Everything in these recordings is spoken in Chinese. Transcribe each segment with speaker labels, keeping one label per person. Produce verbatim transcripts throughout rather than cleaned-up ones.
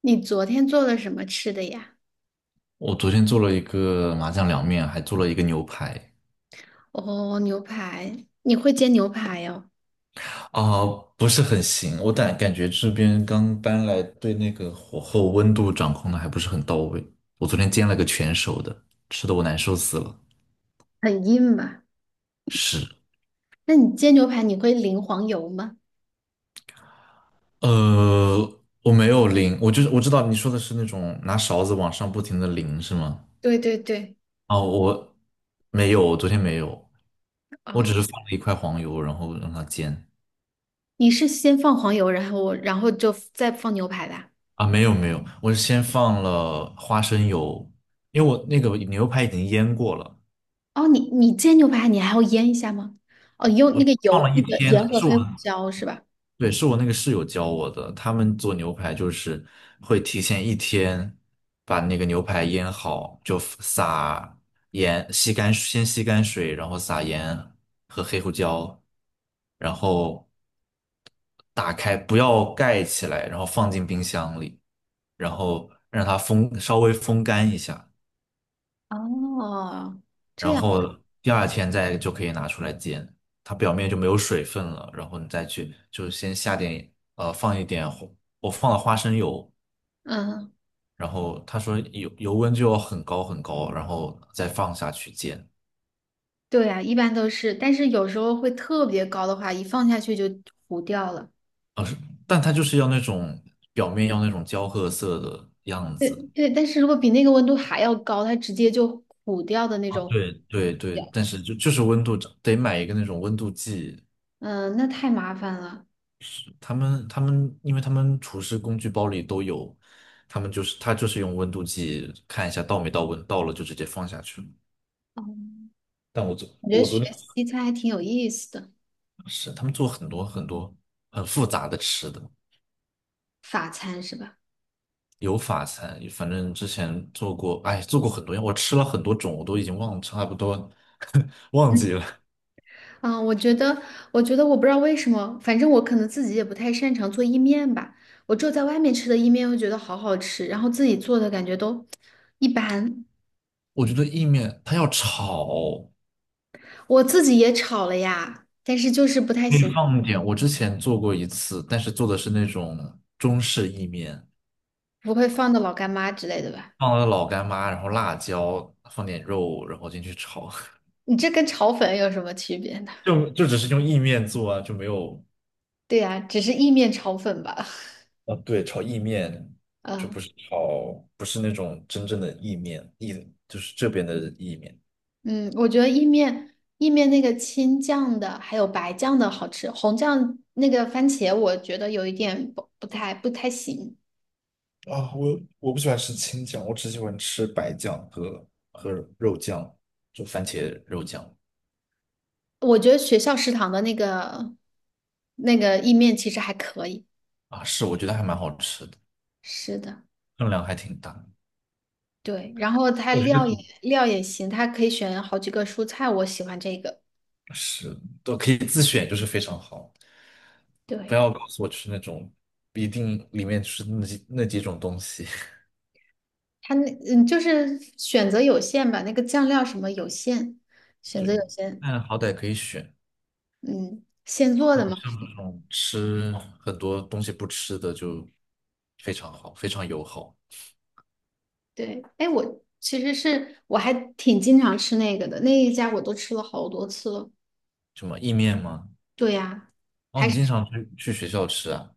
Speaker 1: 你昨天做了什么吃的呀？
Speaker 2: 我昨天做了一个麻酱凉面，还做了一个牛排，
Speaker 1: 哦，牛排，你会煎牛排哦。
Speaker 2: 啊、不是很行。我感感觉这边刚搬来，对那个火候温度掌控的还不是很到位。我昨天煎了个全熟的，吃的我难受死了。
Speaker 1: 很硬吧？
Speaker 2: 是，
Speaker 1: 那你煎牛排你会淋黄油吗？
Speaker 2: 呃，我没有淋，我就是我知道你说的是那种拿勺子往上不停的淋是吗？
Speaker 1: 对对对。
Speaker 2: 啊，我没有，我昨天没有，我只
Speaker 1: 哦，
Speaker 2: 是放了一块黄油，然后让它煎。
Speaker 1: 你是先放黄油，然后我，然后就再放牛排的啊？
Speaker 2: 啊，没有没有，我是先放了花生油，因为我那个牛排已经腌过了，
Speaker 1: 哦，你你煎牛排你还要腌一下吗？哦，你用那
Speaker 2: 我
Speaker 1: 个
Speaker 2: 放
Speaker 1: 油，
Speaker 2: 了
Speaker 1: 那
Speaker 2: 一
Speaker 1: 个
Speaker 2: 天
Speaker 1: 盐
Speaker 2: 呢，
Speaker 1: 和
Speaker 2: 是我，
Speaker 1: 黑胡椒是吧？
Speaker 2: 对，是我那个室友教我的，他们做牛排就是会提前一天把那个牛排腌好，就撒盐，吸干，先吸干水，然后撒盐和黑胡椒，然后打开，不要盖起来，然后放进冰箱里，然后让它风，稍微风干一下。
Speaker 1: 哦，这
Speaker 2: 然
Speaker 1: 样。
Speaker 2: 后第二天再就可以拿出来煎，它表面就没有水分了。然后你再去，就先下点呃放一点花我放了花生油，
Speaker 1: 嗯，
Speaker 2: 然后他说油油温就要很高很高，然后再放下去煎，
Speaker 1: 对呀，一般都是，但是有时候会特别高的话，一放下去就糊掉了。
Speaker 2: 但它就是要那种表面要那种焦褐色的样
Speaker 1: 对
Speaker 2: 子。
Speaker 1: 对，但是如果比那个温度还要高，它直接就糊掉的那
Speaker 2: 啊，
Speaker 1: 种糊
Speaker 2: 对对对，
Speaker 1: 掉。
Speaker 2: 但是就就是温度得买一个那种温度计，
Speaker 1: 嗯，那太麻烦了。
Speaker 2: 他们他们，因为他们厨师工具包里都有，他们就是他就是用温度计看一下到没到温，到了就直接放下去了。
Speaker 1: 嗯，
Speaker 2: 但我昨
Speaker 1: 我觉得
Speaker 2: 我昨天
Speaker 1: 学西餐还挺有意思的。
Speaker 2: 是他们做很多很多很复杂的吃的，
Speaker 1: 法餐是吧？
Speaker 2: 有法餐，反正之前做过，哎，做过很多样，我吃了很多种，我都已经忘差不多 忘
Speaker 1: 嗯。
Speaker 2: 记了。
Speaker 1: 啊，我觉得，我觉得我不知道为什么，反正我可能自己也不太擅长做意面吧。我只有在外面吃的意面会觉得好好吃，然后自己做的感觉都一般。
Speaker 2: 我觉得意面它要炒，
Speaker 1: 我自己也炒了呀，但是就是不太
Speaker 2: 可以
Speaker 1: 行。
Speaker 2: 放一点。我之前做过一次，但是做的是那种中式意面。
Speaker 1: 不会放的老干妈之类的吧？
Speaker 2: 放了老干妈，然后辣椒，放点肉，然后进去炒，
Speaker 1: 你这跟炒粉有什么区别呢？
Speaker 2: 就就只是用意面做啊，就没有
Speaker 1: 对呀，只是意面炒粉吧。
Speaker 2: 啊，对，炒意面就不
Speaker 1: 嗯。
Speaker 2: 是炒，不是那种真正的意面，意就是这边的意面。
Speaker 1: 嗯，我觉得意面意面那个青酱的还有白酱的好吃，红酱那个番茄我觉得有一点不不太不太行。
Speaker 2: 啊，我我不喜欢吃青酱，我只喜欢吃白酱和和肉酱，就番茄肉酱。
Speaker 1: 我觉得学校食堂的那个那个意面其实还可以。
Speaker 2: 啊，是我觉得还蛮好吃的，
Speaker 1: 是的。
Speaker 2: 分量还挺大，
Speaker 1: 对，然后它
Speaker 2: 我觉得
Speaker 1: 料也
Speaker 2: 主
Speaker 1: 料也行，它可以选好几个蔬菜，我喜欢这个。
Speaker 2: 是都可以自选，就是非常好。不
Speaker 1: 对。
Speaker 2: 要告诉我吃那种一定里面吃那几那几种东西。
Speaker 1: 它那嗯，就是选择有限吧，那个酱料什么有限，选择
Speaker 2: 对，
Speaker 1: 有限。
Speaker 2: 但好歹可以选，
Speaker 1: 嗯，现做
Speaker 2: 然
Speaker 1: 的
Speaker 2: 后
Speaker 1: 嘛。
Speaker 2: 像这种吃很多东西不吃的就非常好，非常友好。
Speaker 1: 对。哎，我其实是我还挺经常吃那个的，那一家我都吃了好多次了。
Speaker 2: 什么意面吗？
Speaker 1: 对呀。
Speaker 2: 哦，
Speaker 1: 还
Speaker 2: 你经
Speaker 1: 是
Speaker 2: 常去去学校吃啊？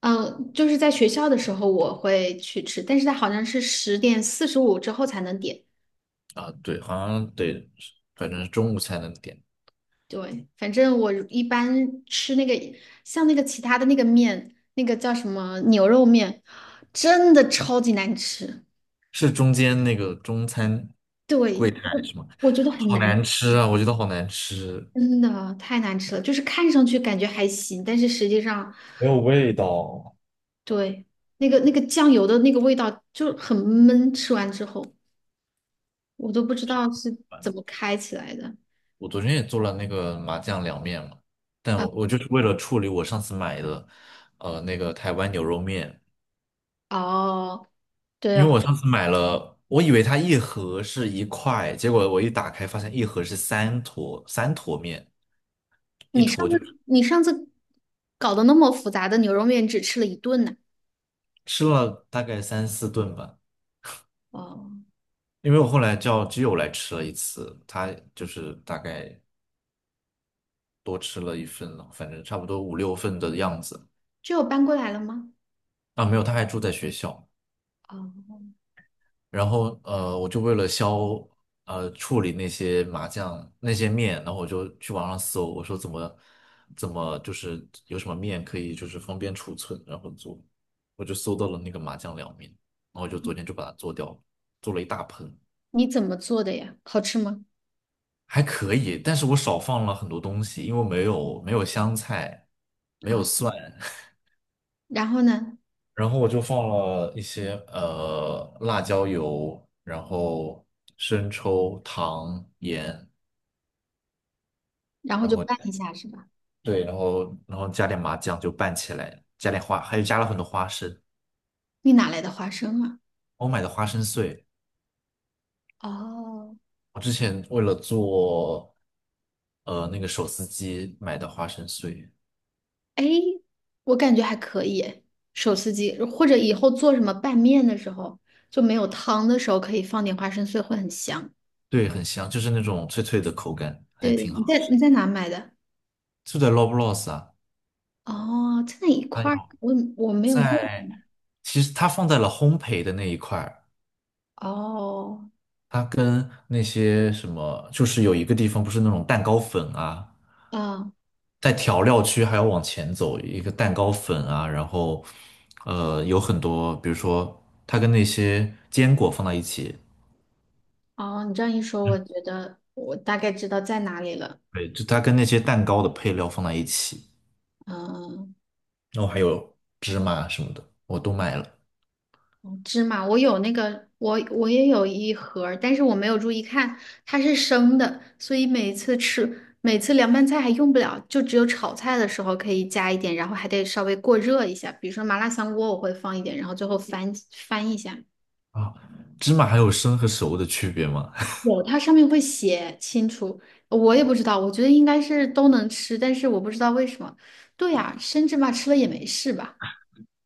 Speaker 1: 嗯、呃就是在学校的时候我会去吃，但是它好像是十点四十五之后才能点。
Speaker 2: 啊，对，好像得，反正是中午才能点，
Speaker 1: 对，反正我一般吃那个，像那个其他的那个面，那个叫什么牛肉面，真的超级难吃。
Speaker 2: 是中间那个中餐
Speaker 1: 对，
Speaker 2: 柜台
Speaker 1: 我
Speaker 2: 是吗？
Speaker 1: 我觉得很
Speaker 2: 好
Speaker 1: 难。
Speaker 2: 难吃啊，我觉得好难吃，
Speaker 1: 真的太难吃了。就是看上去感觉还行，但是实际上。
Speaker 2: 没有味道。
Speaker 1: 对。那个那个酱油的那个味道就很闷，吃完之后我都不知道是怎么开起来的。
Speaker 2: 我昨天也做了那个麻酱凉面嘛，但
Speaker 1: 啊。
Speaker 2: 我我就是为了处理我上次买的，呃，那个台湾牛肉面，
Speaker 1: 哦，对
Speaker 2: 因为我
Speaker 1: 哦。
Speaker 2: 上次买了，我以为它一盒是一块，结果我一打开发现一盒是三坨，三坨面，一
Speaker 1: 你上
Speaker 2: 坨就
Speaker 1: 次你上次搞得那么复杂的牛肉面只吃了一顿呢。
Speaker 2: 吃了大概三四顿吧。
Speaker 1: 哦，
Speaker 2: 因为我后来叫基友来吃了一次，他就是大概多吃了一份了，反正差不多五六份的样子。
Speaker 1: 就有搬过来了吗？
Speaker 2: 啊，没有，他还住在学校。
Speaker 1: 哦，
Speaker 2: 然后呃，我就为了消呃处理那些麻酱那些面，然后我就去网上搜，我说怎么怎么就是有什么面可以就是方便储存，然后做，我就搜到了那个麻酱凉面，然后就昨天就把它做掉了，做了一大盆，
Speaker 1: 你怎么做的呀？好吃吗？
Speaker 2: 还可以，但是我少放了很多东西，因为没有没有香菜，没有
Speaker 1: 啊，
Speaker 2: 蒜，
Speaker 1: 然后呢？
Speaker 2: 然后我就放了一些呃辣椒油，然后生抽、糖、盐。
Speaker 1: 然后
Speaker 2: 然
Speaker 1: 就
Speaker 2: 后
Speaker 1: 拌一下是吧？
Speaker 2: 对，然后然后加点麻酱就拌起来，加点花，还有加了很多花生，
Speaker 1: 你哪来的花生啊？
Speaker 2: 我买的花生碎，
Speaker 1: 哦。
Speaker 2: 我之前为了做呃那个手撕鸡买的花生碎，
Speaker 1: 哎，我感觉还可以诶。手撕鸡，或者以后做什么拌面的时候，就没有汤的时候，可以放点花生碎，会很香。
Speaker 2: 对，很香，就是那种脆脆的口感，还
Speaker 1: 对，
Speaker 2: 挺
Speaker 1: 你
Speaker 2: 好
Speaker 1: 在
Speaker 2: 吃。
Speaker 1: 你在哪买的？
Speaker 2: 就在 Loblaws 啊，
Speaker 1: 哦，在那一
Speaker 2: 它
Speaker 1: 块
Speaker 2: 有
Speaker 1: 儿，我我没有印象。
Speaker 2: 在，其实它放在了烘焙的那一块儿，
Speaker 1: 哦。
Speaker 2: 它跟那些什么，就是有一个地方不是那种蛋糕粉啊。
Speaker 1: 啊。
Speaker 2: 在调料区还要往前走，一个蛋糕粉啊，然后呃有很多，比如说它跟那些坚果放在一起，
Speaker 1: 哦，你这样一说，我觉得我大概知道在哪里了。
Speaker 2: 对，就它跟那些蛋糕的配料放在一起，
Speaker 1: 嗯。
Speaker 2: 然后还有芝麻什么的，我都买了。
Speaker 1: 芝麻，我有那个，我我也有一盒儿但是我没有注意看。它是生的，所以每次吃，每次凉拌菜还用不了，就只有炒菜的时候可以加一点，然后还得稍微过热一下。比如说麻辣香锅，我会放一点，然后最后翻翻一下。
Speaker 2: 啊，芝麻还有生和熟的区别吗？
Speaker 1: 有，它上面会写清楚。我也不知道，我觉得应该是都能吃，但是我不知道为什么。对呀，生芝麻吃了也没事吧。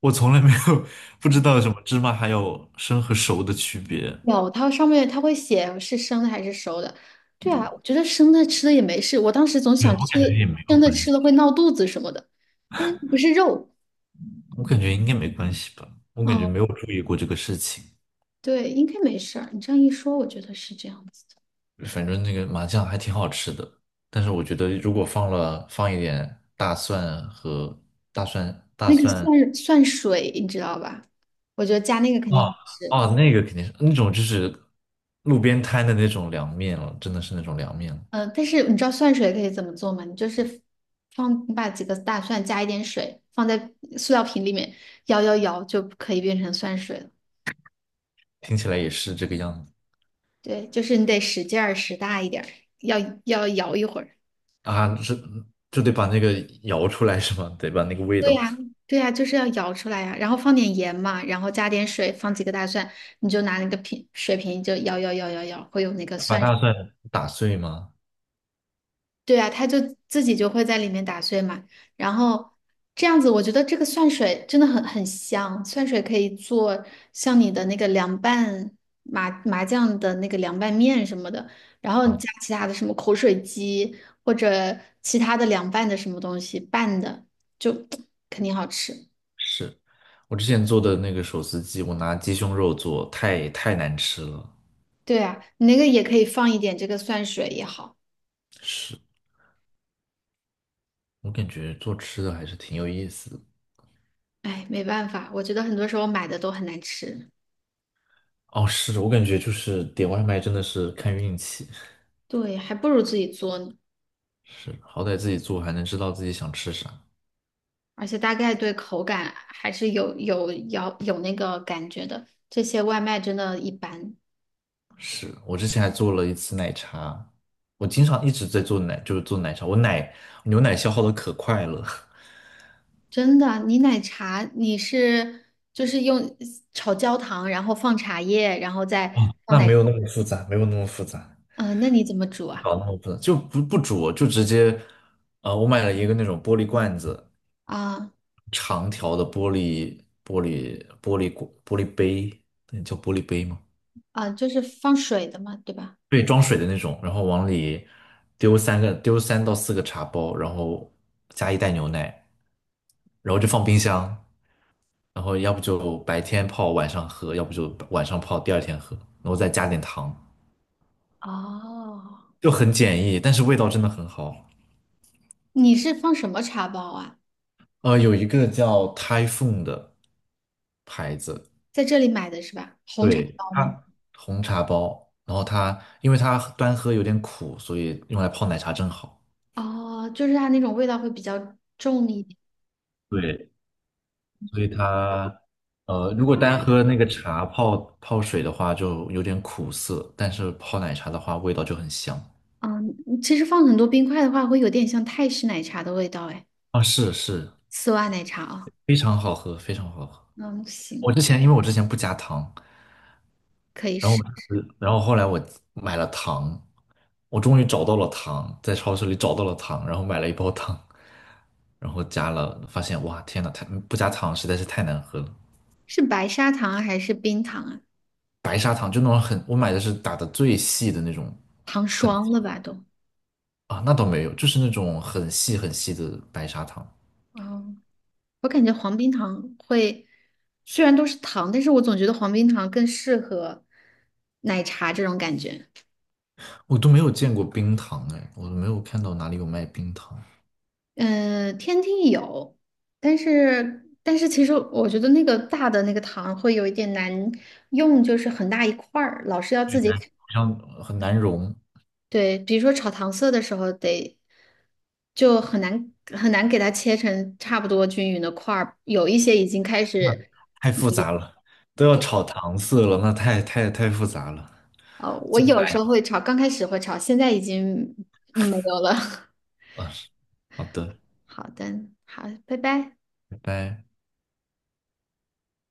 Speaker 2: 我从来没有不知道什么芝麻还有生和熟的区别。
Speaker 1: 有，它上面它会写是生的还是熟的。对啊，我觉得生的吃了也没事。我当时总
Speaker 2: 对，
Speaker 1: 想
Speaker 2: 我
Speaker 1: 吃
Speaker 2: 感觉也没有
Speaker 1: 生的
Speaker 2: 关
Speaker 1: 吃
Speaker 2: 系，
Speaker 1: 了会闹肚子什么的，但是不是肉。
Speaker 2: 我感觉应该没关系吧，我感觉
Speaker 1: 嗯。
Speaker 2: 没有注意过这个事情。
Speaker 1: 对，应该没事儿。你这样一说，我觉得是这样子的。
Speaker 2: 反正那个麻酱还挺好吃的，但是我觉得如果放了放一点大蒜和大蒜大
Speaker 1: 那个
Speaker 2: 蒜
Speaker 1: 蒜蒜水，你知道吧？我觉得加那个肯定好
Speaker 2: 哦
Speaker 1: 吃。
Speaker 2: 哦，那个肯定是那种就是路边摊的那种凉面了，真的是那种凉面了，
Speaker 1: 嗯、但是你知道蒜水可以怎么做吗？你就是放，你把几个大蒜加一点水，放在塑料瓶里面摇摇摇，就可以变成蒜水了。
Speaker 2: 听起来也是这个样子。
Speaker 1: 对，就是你得使劲儿使大一点儿，要要摇一会儿。
Speaker 2: 啊，是就得把那个摇出来是吗？得把那个味
Speaker 1: 对
Speaker 2: 道
Speaker 1: 呀，对呀，就是要摇出来呀，然后放点盐嘛，然后加点水，放几个大蒜，你就拿那个瓶水瓶就摇摇摇摇摇，会有那个
Speaker 2: 把
Speaker 1: 蒜。
Speaker 2: 大蒜打碎吗？
Speaker 1: 对啊，它就自己就会在里面打碎嘛。然后这样子，我觉得这个蒜水真的很很香，蒜水可以做像你的那个凉拌麻麻酱的那个凉拌面什么的，然后
Speaker 2: 啊，
Speaker 1: 加其他的什么口水鸡或者其他的凉拌的什么东西拌的，就 肯定好吃。
Speaker 2: 是我之前做的那个手撕鸡，我拿鸡胸肉做，太太难吃了，
Speaker 1: 对啊，你那个也可以放一点这个蒜水也好。
Speaker 2: 是。我感觉做吃的还是挺有意思的。
Speaker 1: 哎，没办法，我觉得很多时候买的都很难吃。
Speaker 2: 哦，是我感觉就是点外卖真的是看运气，
Speaker 1: 对，还不如自己做呢。
Speaker 2: 是，好歹自己做还能知道自己想吃啥。
Speaker 1: 而且大概对口感还是有有要有那个感觉的。这些外卖真的一般。
Speaker 2: 是，我之前还做了一次奶茶，我经常一直在做奶，就是做奶茶，我奶牛奶消耗的可快了，
Speaker 1: 真的。你奶茶你是就是用炒焦糖，然后放茶叶，然后再 放
Speaker 2: 那没
Speaker 1: 奶？
Speaker 2: 有那么复杂，没有那么复杂，
Speaker 1: 嗯、那你怎么煮
Speaker 2: 不
Speaker 1: 啊？
Speaker 2: 搞那么复杂，就不不煮，就直接，呃，我买了一个那种玻璃罐子，
Speaker 1: 啊。
Speaker 2: 长条的玻璃玻璃玻璃玻璃杯，那叫玻璃杯吗？
Speaker 1: 啊，就是放水的嘛，对吧？
Speaker 2: 对，装水的那种，然后往里丢三个，丢三到四个茶包，然后加一袋牛奶，然后就放冰箱，然后要不就白天泡晚上喝，要不就晚上泡第二天喝，然后再加点糖，
Speaker 1: 哦，
Speaker 2: 就很简易，但是味道真的很好。
Speaker 1: 你是放什么茶包啊？
Speaker 2: 呃，有一个叫 Typhoon 的牌子，
Speaker 1: 在这里买的是吧？红茶
Speaker 2: 对，
Speaker 1: 包吗？
Speaker 2: 它红茶包，然后它因为它端喝有点苦，所以用来泡奶茶正好。
Speaker 1: 哦，就是它那种味道会比较重一点。
Speaker 2: 对，所以它呃，如果单喝那个茶泡泡水的话，就有点苦涩，但是泡奶茶的话，味道就很香。
Speaker 1: 嗯，其实放很多冰块的话，会有点像泰式奶茶的味道，哎。
Speaker 2: 啊，是是，
Speaker 1: 丝袜奶茶哦。
Speaker 2: 非常好喝，非常好喝。
Speaker 1: 嗯，
Speaker 2: 我
Speaker 1: 行，
Speaker 2: 之前因为我之前不加糖，
Speaker 1: 可以
Speaker 2: 然后
Speaker 1: 试。
Speaker 2: 我然后后来我买了糖，我终于找到了糖，在超市里找到了糖，然后买了一包糖，然后加了，发现哇，天呐，太不加糖实在是太难喝了。
Speaker 1: 是白砂糖啊还是冰糖啊？
Speaker 2: 白砂糖就那种很，我买的是打的最细的那种，
Speaker 1: 糖
Speaker 2: 很。
Speaker 1: 霜了吧都？
Speaker 2: 啊，那倒没有，就是那种很细很细的白砂糖，
Speaker 1: 哦，我感觉黄冰糖会，虽然都是糖，但是我总觉得黄冰糖更适合奶茶这种感觉。
Speaker 2: 我都没有见过冰糖哎，我都没有看到哪里有卖冰糖，
Speaker 1: 嗯、天梯有，但是但是其实我觉得那个大的那个糖会有一点难用，就是很大一块儿，老是要自
Speaker 2: 对
Speaker 1: 己
Speaker 2: 难好像呃很难融，
Speaker 1: 对，比如说炒糖色的时候得，就很难很难给它切成差不多均匀的块儿，有一些已经开
Speaker 2: 那
Speaker 1: 始
Speaker 2: 太
Speaker 1: 没
Speaker 2: 复杂了，都要炒糖色了，那太太太复杂了，
Speaker 1: 呃我
Speaker 2: 做不
Speaker 1: 有时
Speaker 2: 来。
Speaker 1: 候会炒，刚开始会炒，现在已经没有了。
Speaker 2: 啊，好的，
Speaker 1: 好的，好，拜拜。
Speaker 2: 拜拜。